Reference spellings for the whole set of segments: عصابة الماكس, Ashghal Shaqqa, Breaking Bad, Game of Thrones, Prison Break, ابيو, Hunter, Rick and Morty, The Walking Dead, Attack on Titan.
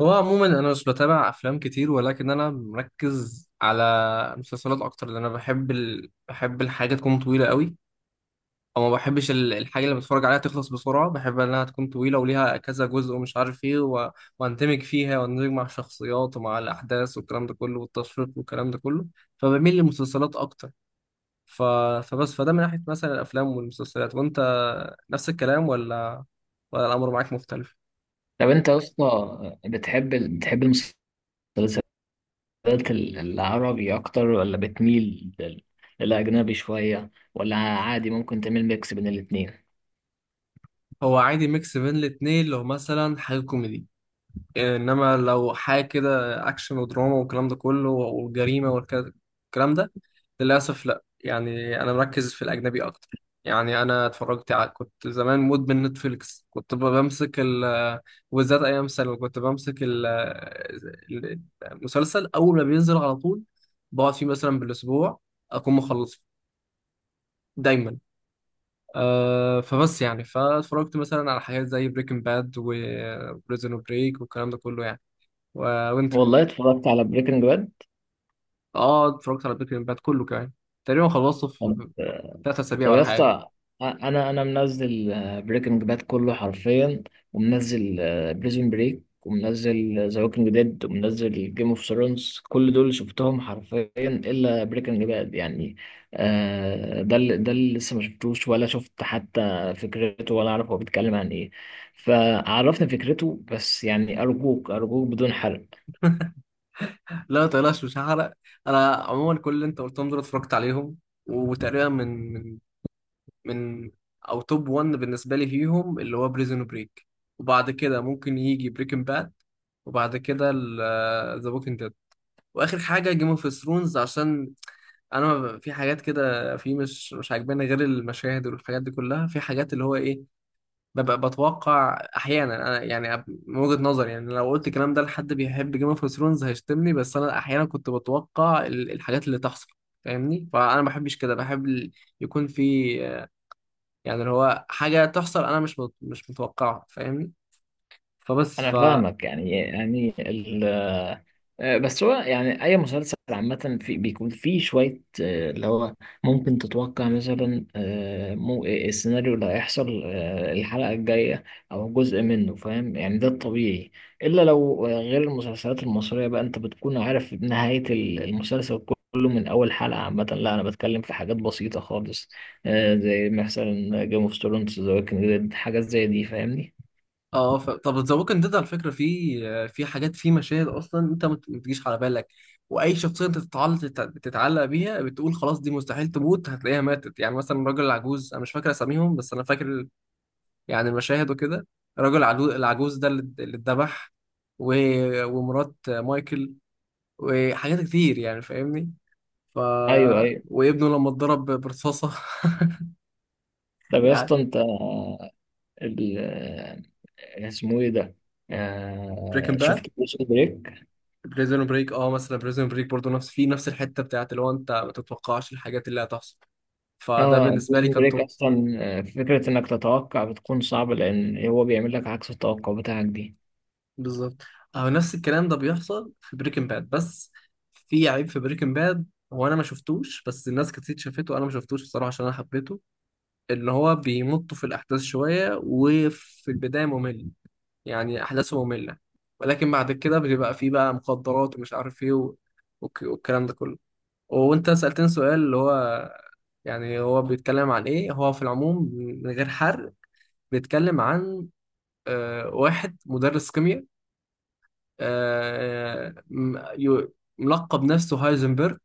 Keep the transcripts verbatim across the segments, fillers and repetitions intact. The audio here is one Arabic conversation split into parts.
هو عموما انا مش بتابع افلام كتير، ولكن انا مركز على مسلسلات اكتر، لان انا بحب ال... بحب الحاجه تكون طويله قوي، او ما بحبش ال- الحاجه اللي بتفرج عليها تخلص بسرعه. بحب انها تكون طويله وليها كذا جزء ومش عارف ايه و... واندمج فيها واندمج مع الشخصيات ومع الاحداث والكلام ده كله والتشويق والكلام ده كله، فبميل للمسلسلات اكتر. ف... فبس، فده من ناحيه مثلا الافلام والمسلسلات. وانت نفس الكلام ولا ولا الامر معاك مختلف؟ طب انت يا اسطى بتحب ال- بتحب المسلسلات العربي اكتر ولا بتميل لل- للاجنبي شويه ولا عادي ممكن تعمل ميكس بين الاتنين؟ هو عادي ميكس بين الاتنين لو مثلا حاجه كوميدي، انما لو حاجه كده اكشن ودراما والكلام ده كله والجريمه والكلام ده، للاسف لا. يعني انا مركز في الاجنبي اكتر. يعني انا اتفرجت على، كنت زمان مدمن نتفليكس، كنت ب- بمسك ال، وبالذات ايام ثانوي كنت بمسك ال ال- المسلسل اول ما بينزل على طول، بقعد فيه مثلا بالاسبوع اكون مخلصه دايما. أه، فبس يعني فاتفرجت مثلا على حاجات زي بريكنج باد وبريزون بريك والكلام ده كله يعني و... وانت. والله اتفرجت على بريكنج اه، اتفرجت على بريكنج باد كله كمان، تقريبا خلصته باد. في ثلاث اسابيع طب ولا يا حاجه. اسطى، انا انا منزل بريكنج باد كله حرفيا، ومنزل بريزون بريك، ومنزل ذا ووكينج ديد، ومنزل جيم اوف ثرونز. كل دول شفتهم حرفيا الا بريكنج باد يعني. آه، ده اللي ده اللي لسه ما شفتوش، ولا شفت حتى فكرته، ولا اعرف هو بيتكلم عن ايه. فعرفني فكرته، بس يعني ارجوك ارجوك بدون حرق. لا ما تقلقش، مش هحرق. انا عموما كل اللي انت قلتهم دول اتفرجت عليهم، وتقريبا من من من او توب وان بالنسبه لي فيهم اللي هو بريزون بريك، وبعد كده ممكن يجي بريكنج باد، وبعد كده ذا ووكينج ديد، واخر حاجه جيم اوف ثرونز، عشان انا ما ب- في حاجات كده في مش مش عاجباني غير المشاهد والحاجات دي كلها. في حاجات اللي هو ايه، ببقى بتوقع احيانا. انا يعني أب- من وجهة نظري يعني لو قلت الكلام ده لحد بيحب جيم اوف ثرونز هيشتمني، بس انا احيانا كنت بتوقع ال- الحاجات اللي تحصل، فاهمني؟ فانا ما بحبش كده، بحب ال- يكون في آه، يعني اللي هو حاجه تحصل، انا مش مت- مش متوقعها، فاهمني؟ فبس انا ف فاهمك، يعني يعني آه، بس هو يعني اي مسلسل عامه في بيكون فيه شويه آه، اللي هو ممكن تتوقع مثلا آه، مو إيه السيناريو اللي هيحصل آه، الحلقه الجايه او جزء منه، فاهم يعني؟ ده الطبيعي. الا لو آه، غير المسلسلات المصريه بقى، انت بتكون عارف نهايه ال- المسلسل كله من اول حلقه. عامه لا، انا بتكلم في حاجات بسيطه خالص، آه، زي مثلا جيم اوف ثرونز، ذا ووكينج ديد، حاجات زي دي فاهمني. اه، ف... طب ذا ووكينج ديد على فكره في آه، في حاجات، في مشاهد اصلا انت ما ت- ما تجيش على بالك، واي شخصيه انت تتعلق تتعلق بيها بتقول خلاص دي مستحيل تموت، هتلاقيها ماتت. يعني مثلا الراجل العجوز، انا مش فاكر اساميهم بس انا فاكر يعني مشاهد وكده، الراجل العجو- العجوز ده اللي اللي اتذبح و- ومرات مايكل وحاجات كتير، يعني فاهمني؟ ف ايوه ايوه. وابنه لما اتضرب برصاصة. طب يا يعني اسطى انت ال- آه، اسمه ايه ده، بريكن آه، باد. شفت بريزون بريك؟ بريزون بريك، اه مثلا بريزون بريك برضه نفس، في نفس الحتة بتاعت اللي هو انت ما تتوقعش الحاجات اللي هتحصل، فده اه بالنسبة لي بريزون كان بريك توب. اصلا آه، فكره انك تتوقع بتكون صعبه، لان هو بيعمل لك عكس التوقع بتاعك دي. بالظبط. اه نفس الكلام ده بيحصل في بريكن باد، بس في عيب في بريكن باد هو انا ما شفتوش، بس الناس كتير شافته وانا ما شفتوش بصراحة عشان انا حبيته. اللي هو بيمطوا في الأحداث شوية وفي البداية ممل، يعني أحداثه مملة، ولكن بعد كده بيبقى فيه بقى مخدرات ومش عارف إيه و- والك- والكلام ده كله. وأنت سألتني سؤال اللي هو يعني هو بيتكلم عن إيه، هو في العموم من غير حرق بيتكلم عن آه، واحد مدرس كيمياء، آه، م- يو- ملقب نفسه هايزنبرغ.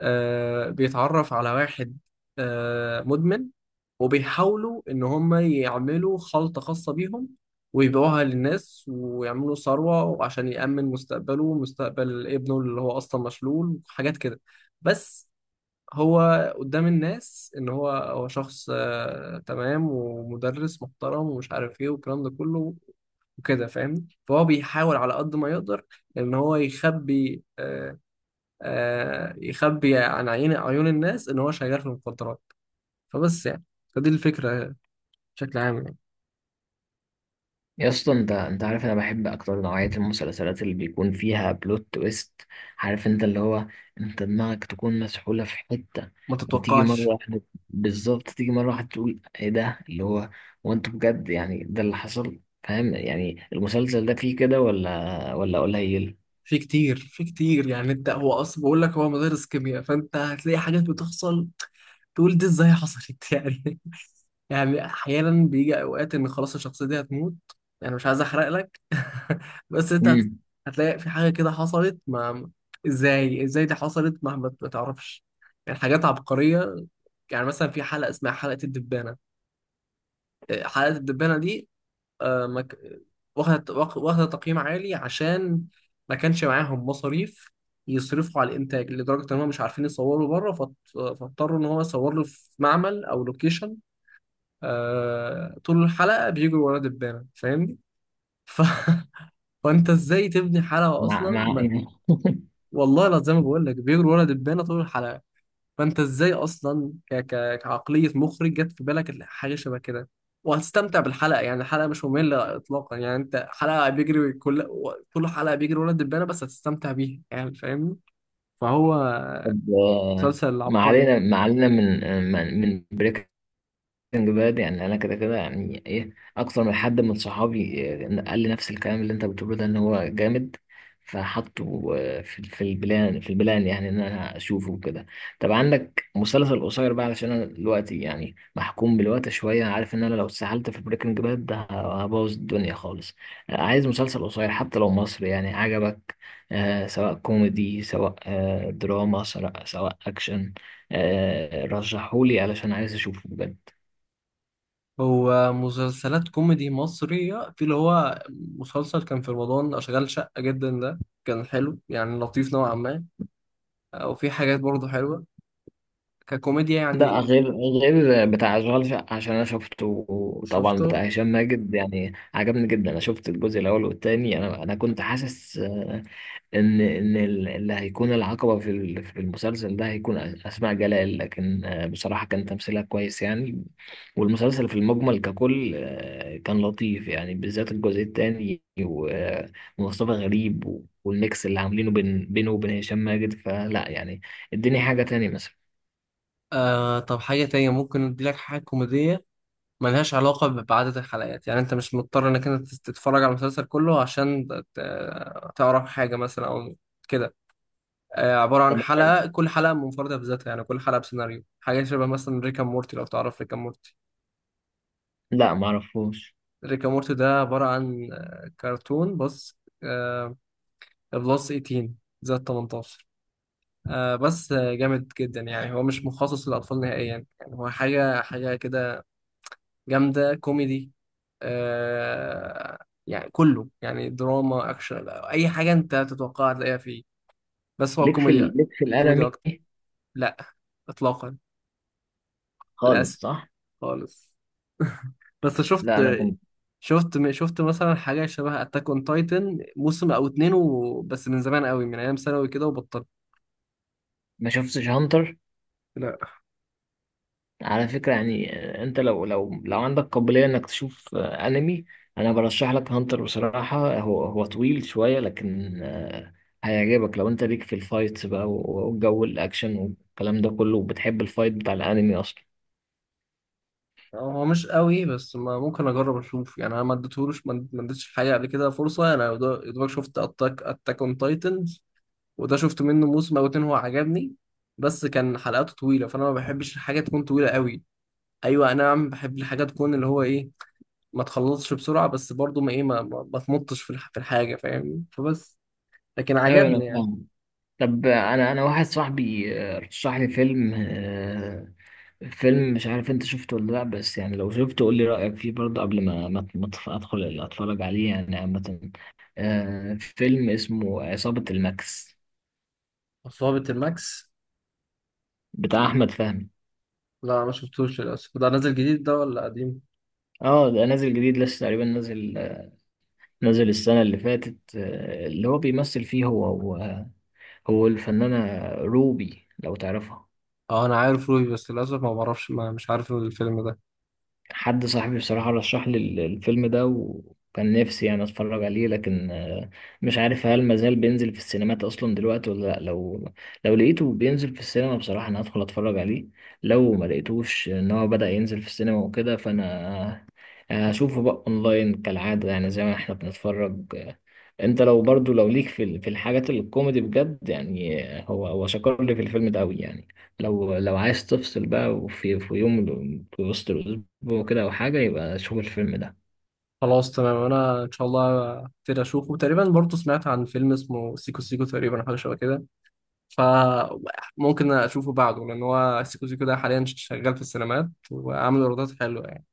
آه بيتعرف على واحد آه مدمن، وبيحاولوا إن هم يعملوا خلطة خاصة بيهم ويبيعوها للناس ويعملوا ثروة عشان يأمن مستقبله ومستقبل ابنه اللي هو أصلا مشلول وحاجات كده. بس هو قدام الناس إن هو هو شخص آه تمام ومدرس محترم ومش عارف إيه والكلام ده كله وكده، فاهمني؟ فهو بيحاول على قد ما يقدر إن هو يخبي آه، آه، يخبي عن عين عيون الناس ان هو شغال في المخدرات. فبس يعني فدي الفكره بشكل عام يعني. يا اسطى، انت انت عارف انا بحب اكتر نوعيه المسلسلات اللي بيكون فيها بلوت تويست؟ عارف انت اللي هو انت دماغك تكون مسحوله في حته ما وتيجي مره تتوقعش. واحده، بالظبط تيجي مره واحده تقول ايه ده اللي هو، وانت بجد يعني ده اللي حصل؟ فاهم يعني؟ المسلسل ده فيه كده ولا ولا قليل؟ في كتير، في كتير، يعني انت هو اصلا بقول لك هو مدرس كيمياء فانت هتلاقي حاجات بتحصل تقول دي ازاي حصلت؟ يعني، يعني احيانا بيجي اوقات ان خلاص الشخصيه دي هتموت، يعني مش عايز احرق لك. بس انت هت- امم هتلاقي في حاجه كده حصلت، ما ازاي، ازاي دي حصلت، ما ما ما تعرفش، يعني حاجات عبقريه. يعني مثلا في حلقة اسمها حلقة الدبانة، آه، حلقة الدبانة دي آه، ما ك- واخدة واخ- واخدة تقييم عالي عشان ما كانش معاهم مصاريف يصرفوا على الإنتاج، لدرجة إن هم مش عارفين يصوروا بره فاضط- فاضطروا إن هو يصور له في معمل أو لوكيشن. آه، طول الحلقة بيجروا ورا دبانة، فاهمني؟ ف... فأنت إزاي تبني حلقة مع أصلا مع ما... والله لا، زي ما بقول لك بيجروا ورا دبانة طول الحلقة. فانت ازاي اصلا ك... ك... كعقليه مخرج جت في بالك حاجه شبه كده؟ وهتستمتع بالحلقه، يعني الحلقه مش ممله اطلاقا. يعني انت حلقه بيجري كل كل حلقه بيجري ولد دبانه، بس هتستمتع بيها يعني فاهمني؟ فهو طب، آه، مسلسل ما عبقري. علينا ما علينا من آه، من من بريك. بجد يعني انا كده كده يعني، ايه، اكتر من حد من صحابي إيه، قال لي نفس الكلام اللي انت بتقوله ده، ان هو جامد. فحطه آه، في في البلان في البلان، يعني ان انا اشوفه كده. طب عندك مسلسل قصير بقى؟ علشان انا دلوقتي يعني محكوم بالوقت شويه، عارف ان انا لو اتسحلت في بريكنج باد ده هبوظ الدنيا خالص. آه، عايز مسلسل قصير، حتى لو مصري، يعني عجبك، آه، سواء كوميدي، سواء آه، دراما، سواء سواء اكشن، آه، رشحهولي علشان عايز اشوفه بجد. هو مسلسلات كوميدي مصرية في اللي هو مسلسل كان في رمضان، أشغال شقة جدا ده كان حلو، يعني لطيف نوعا ما، وفي حاجات برضه حلوه ككوميديا لا، يعني. غير، غير بتاع اشغال شقة عشان انا شفته. طبعا، بتاع شفته. هشام ماجد يعني عجبني جدا. انا شفت الجزء الاول والتاني. انا انا كنت حاسس آه، ان ان ال- اللي هيكون العقبة في ال- في المسلسل ده هيكون أس- اسماء جلال، لكن آه، بصراحة كان تمثيلها كويس يعني. والمسلسل في المجمل ككل آه، كان لطيف يعني، بالذات الجزء التاني و- آه، ومصطفى غريب و- والميكس اللي عاملينه بين بينه وبين هشام ماجد. فلا يعني، اديني حاجة تانية. آه، طب حاجة تانية ممكن اديلك حاجة كوميدية ملهاش علاقة ب- بعدد الحلقات، يعني انت مش مضطر انك انت تت- تتفرج على المسلسل كله عشان ت- ت- تعرف حاجة مثلا او كده. آه، عبارة عن مثلا؟ حلقة، كل حلقة منفردة بذاتها، يعني كل حلقة بسيناريو. حاجة شبه مثلا ريكا مورتي، لو تعرف ريكا مورتي. لا، ما اعرفوش. ريكا مورتي ده عبارة عن آه، كرتون، بس آه، بلس ايتين، زائد تمنتاشر، آه، بس آه، جامد جدا، يعني هو مش مخصص للأطفال نهائيا. يعني هو حاجة حاجة كده جامدة كوميدي. آه، يعني كله يعني دراما أكشن، أي حاجة أنت تتوقعها تلاقيها فيه، بس هو ليك في كوميدي. ال... ليك في كوميدي الانمي أكتر. لا، إطلاقا، للأسف، خالص؟ صح. خالص. بس شفت لا انا كنت، شفت شفت مثلا حاجة شبه أتاك أون تايتن موسم أو اتنين و... بس من زمان قوي من أيام ثانوي كده وبطلت. ما شفتش هانتر لا على فكره يعني. آه، انت لو لو لو عندك قابليه انك تشوف آه، انمي، انا برشح لك هانتر بصراحه. هو هو طويل شويه لكن آه، هيعجبك لو انت ليك في الفايتس بقى و- والجو الاكشن والكلام ده كله، وبتحب الفايت بتاع الانمي اصلا. هو مش قوي، بس ما ممكن أجرب أشوف. يعني أنا ما اديتهولوش، ما ما اديتش حاجة قبل كده فرصة، أنا يا دوبك شفت أتاك أتاك أون تايتن، وده شفت منه موسم او اتنين، هو عجبني، بس كان حلقاته طويله، فانا ما بحبش الحاجه تكون طويله قوي. ايوه انا عم بحب الحاجه تكون اللي هو ايه، ما تخلصش بسرعه، بس برضو ما ايه، ما, ما, ما تمطش في الح- في الحاجه، فاهمني؟ فبس لكن ايوه، انا عجبني يعني. فاهم. طب، آه، انا انا واحد صاحبي آه، رشح لي فيلم، آه، فيلم، مش عارف انت شفته ولا لا، بس يعني لو شفته قول لي رأيك فيه برضه قبل ما ما ما أتف- ادخل اتفرج عليه يعني. عامة، آه، فيلم اسمه عصابة الماكس، عصابة الماكس. بتاع احمد فهمي. لا ما شفتوش للاسف. ده نازل جديد ده ولا قديم؟ اه، ده نازل جديد لسه تقريبا، نازل آه، نازل السنة اللي فاتت. آه اللي هو بيمثل فيه هو هو, هو الفنانة روبي لو تعرفها. اه انا عارف روبي، بس للاسف ما بعرفش، ما مش عارف الفيلم ده. حد صاحبي بصراحة رشح لي ال- الفيلم ده، وكان نفسي يعني اتفرج عليه، لكن آه، مش عارف هل مازال بينزل في السينمات اصلا دلوقتي ولا لا. لو لو لقيته بينزل في السينما، بصراحة انا هدخل اتفرج عليه. لو ما لقيتوش ان هو بدأ ينزل في السينما وكده، فانا آه، هشوفه بقى اونلاين كالعادة يعني، زي ما احنا بنتفرج. انت لو برضو لو ليك في ال- في الحاجات الكوميدي بجد يعني، هو هو شكر لي في الفيلم ده قوي يعني. لو لو عايز تفصل بقى، وفي في يوم في وسط الاسبوع كده او حاجه، يبقى شوف الفيلم ده. خلاص تمام، انا ان شاء الله كتير اشوفه. تقريبا برضو سمعت عن فيلم اسمه سيكو سيكو تقريبا، أو حاجه شبه كده، فممكن اشوفه بعده، لان هو سيكو سيكو ده حاليا شغال في السينمات وعامل ايرادات حلوه يعني.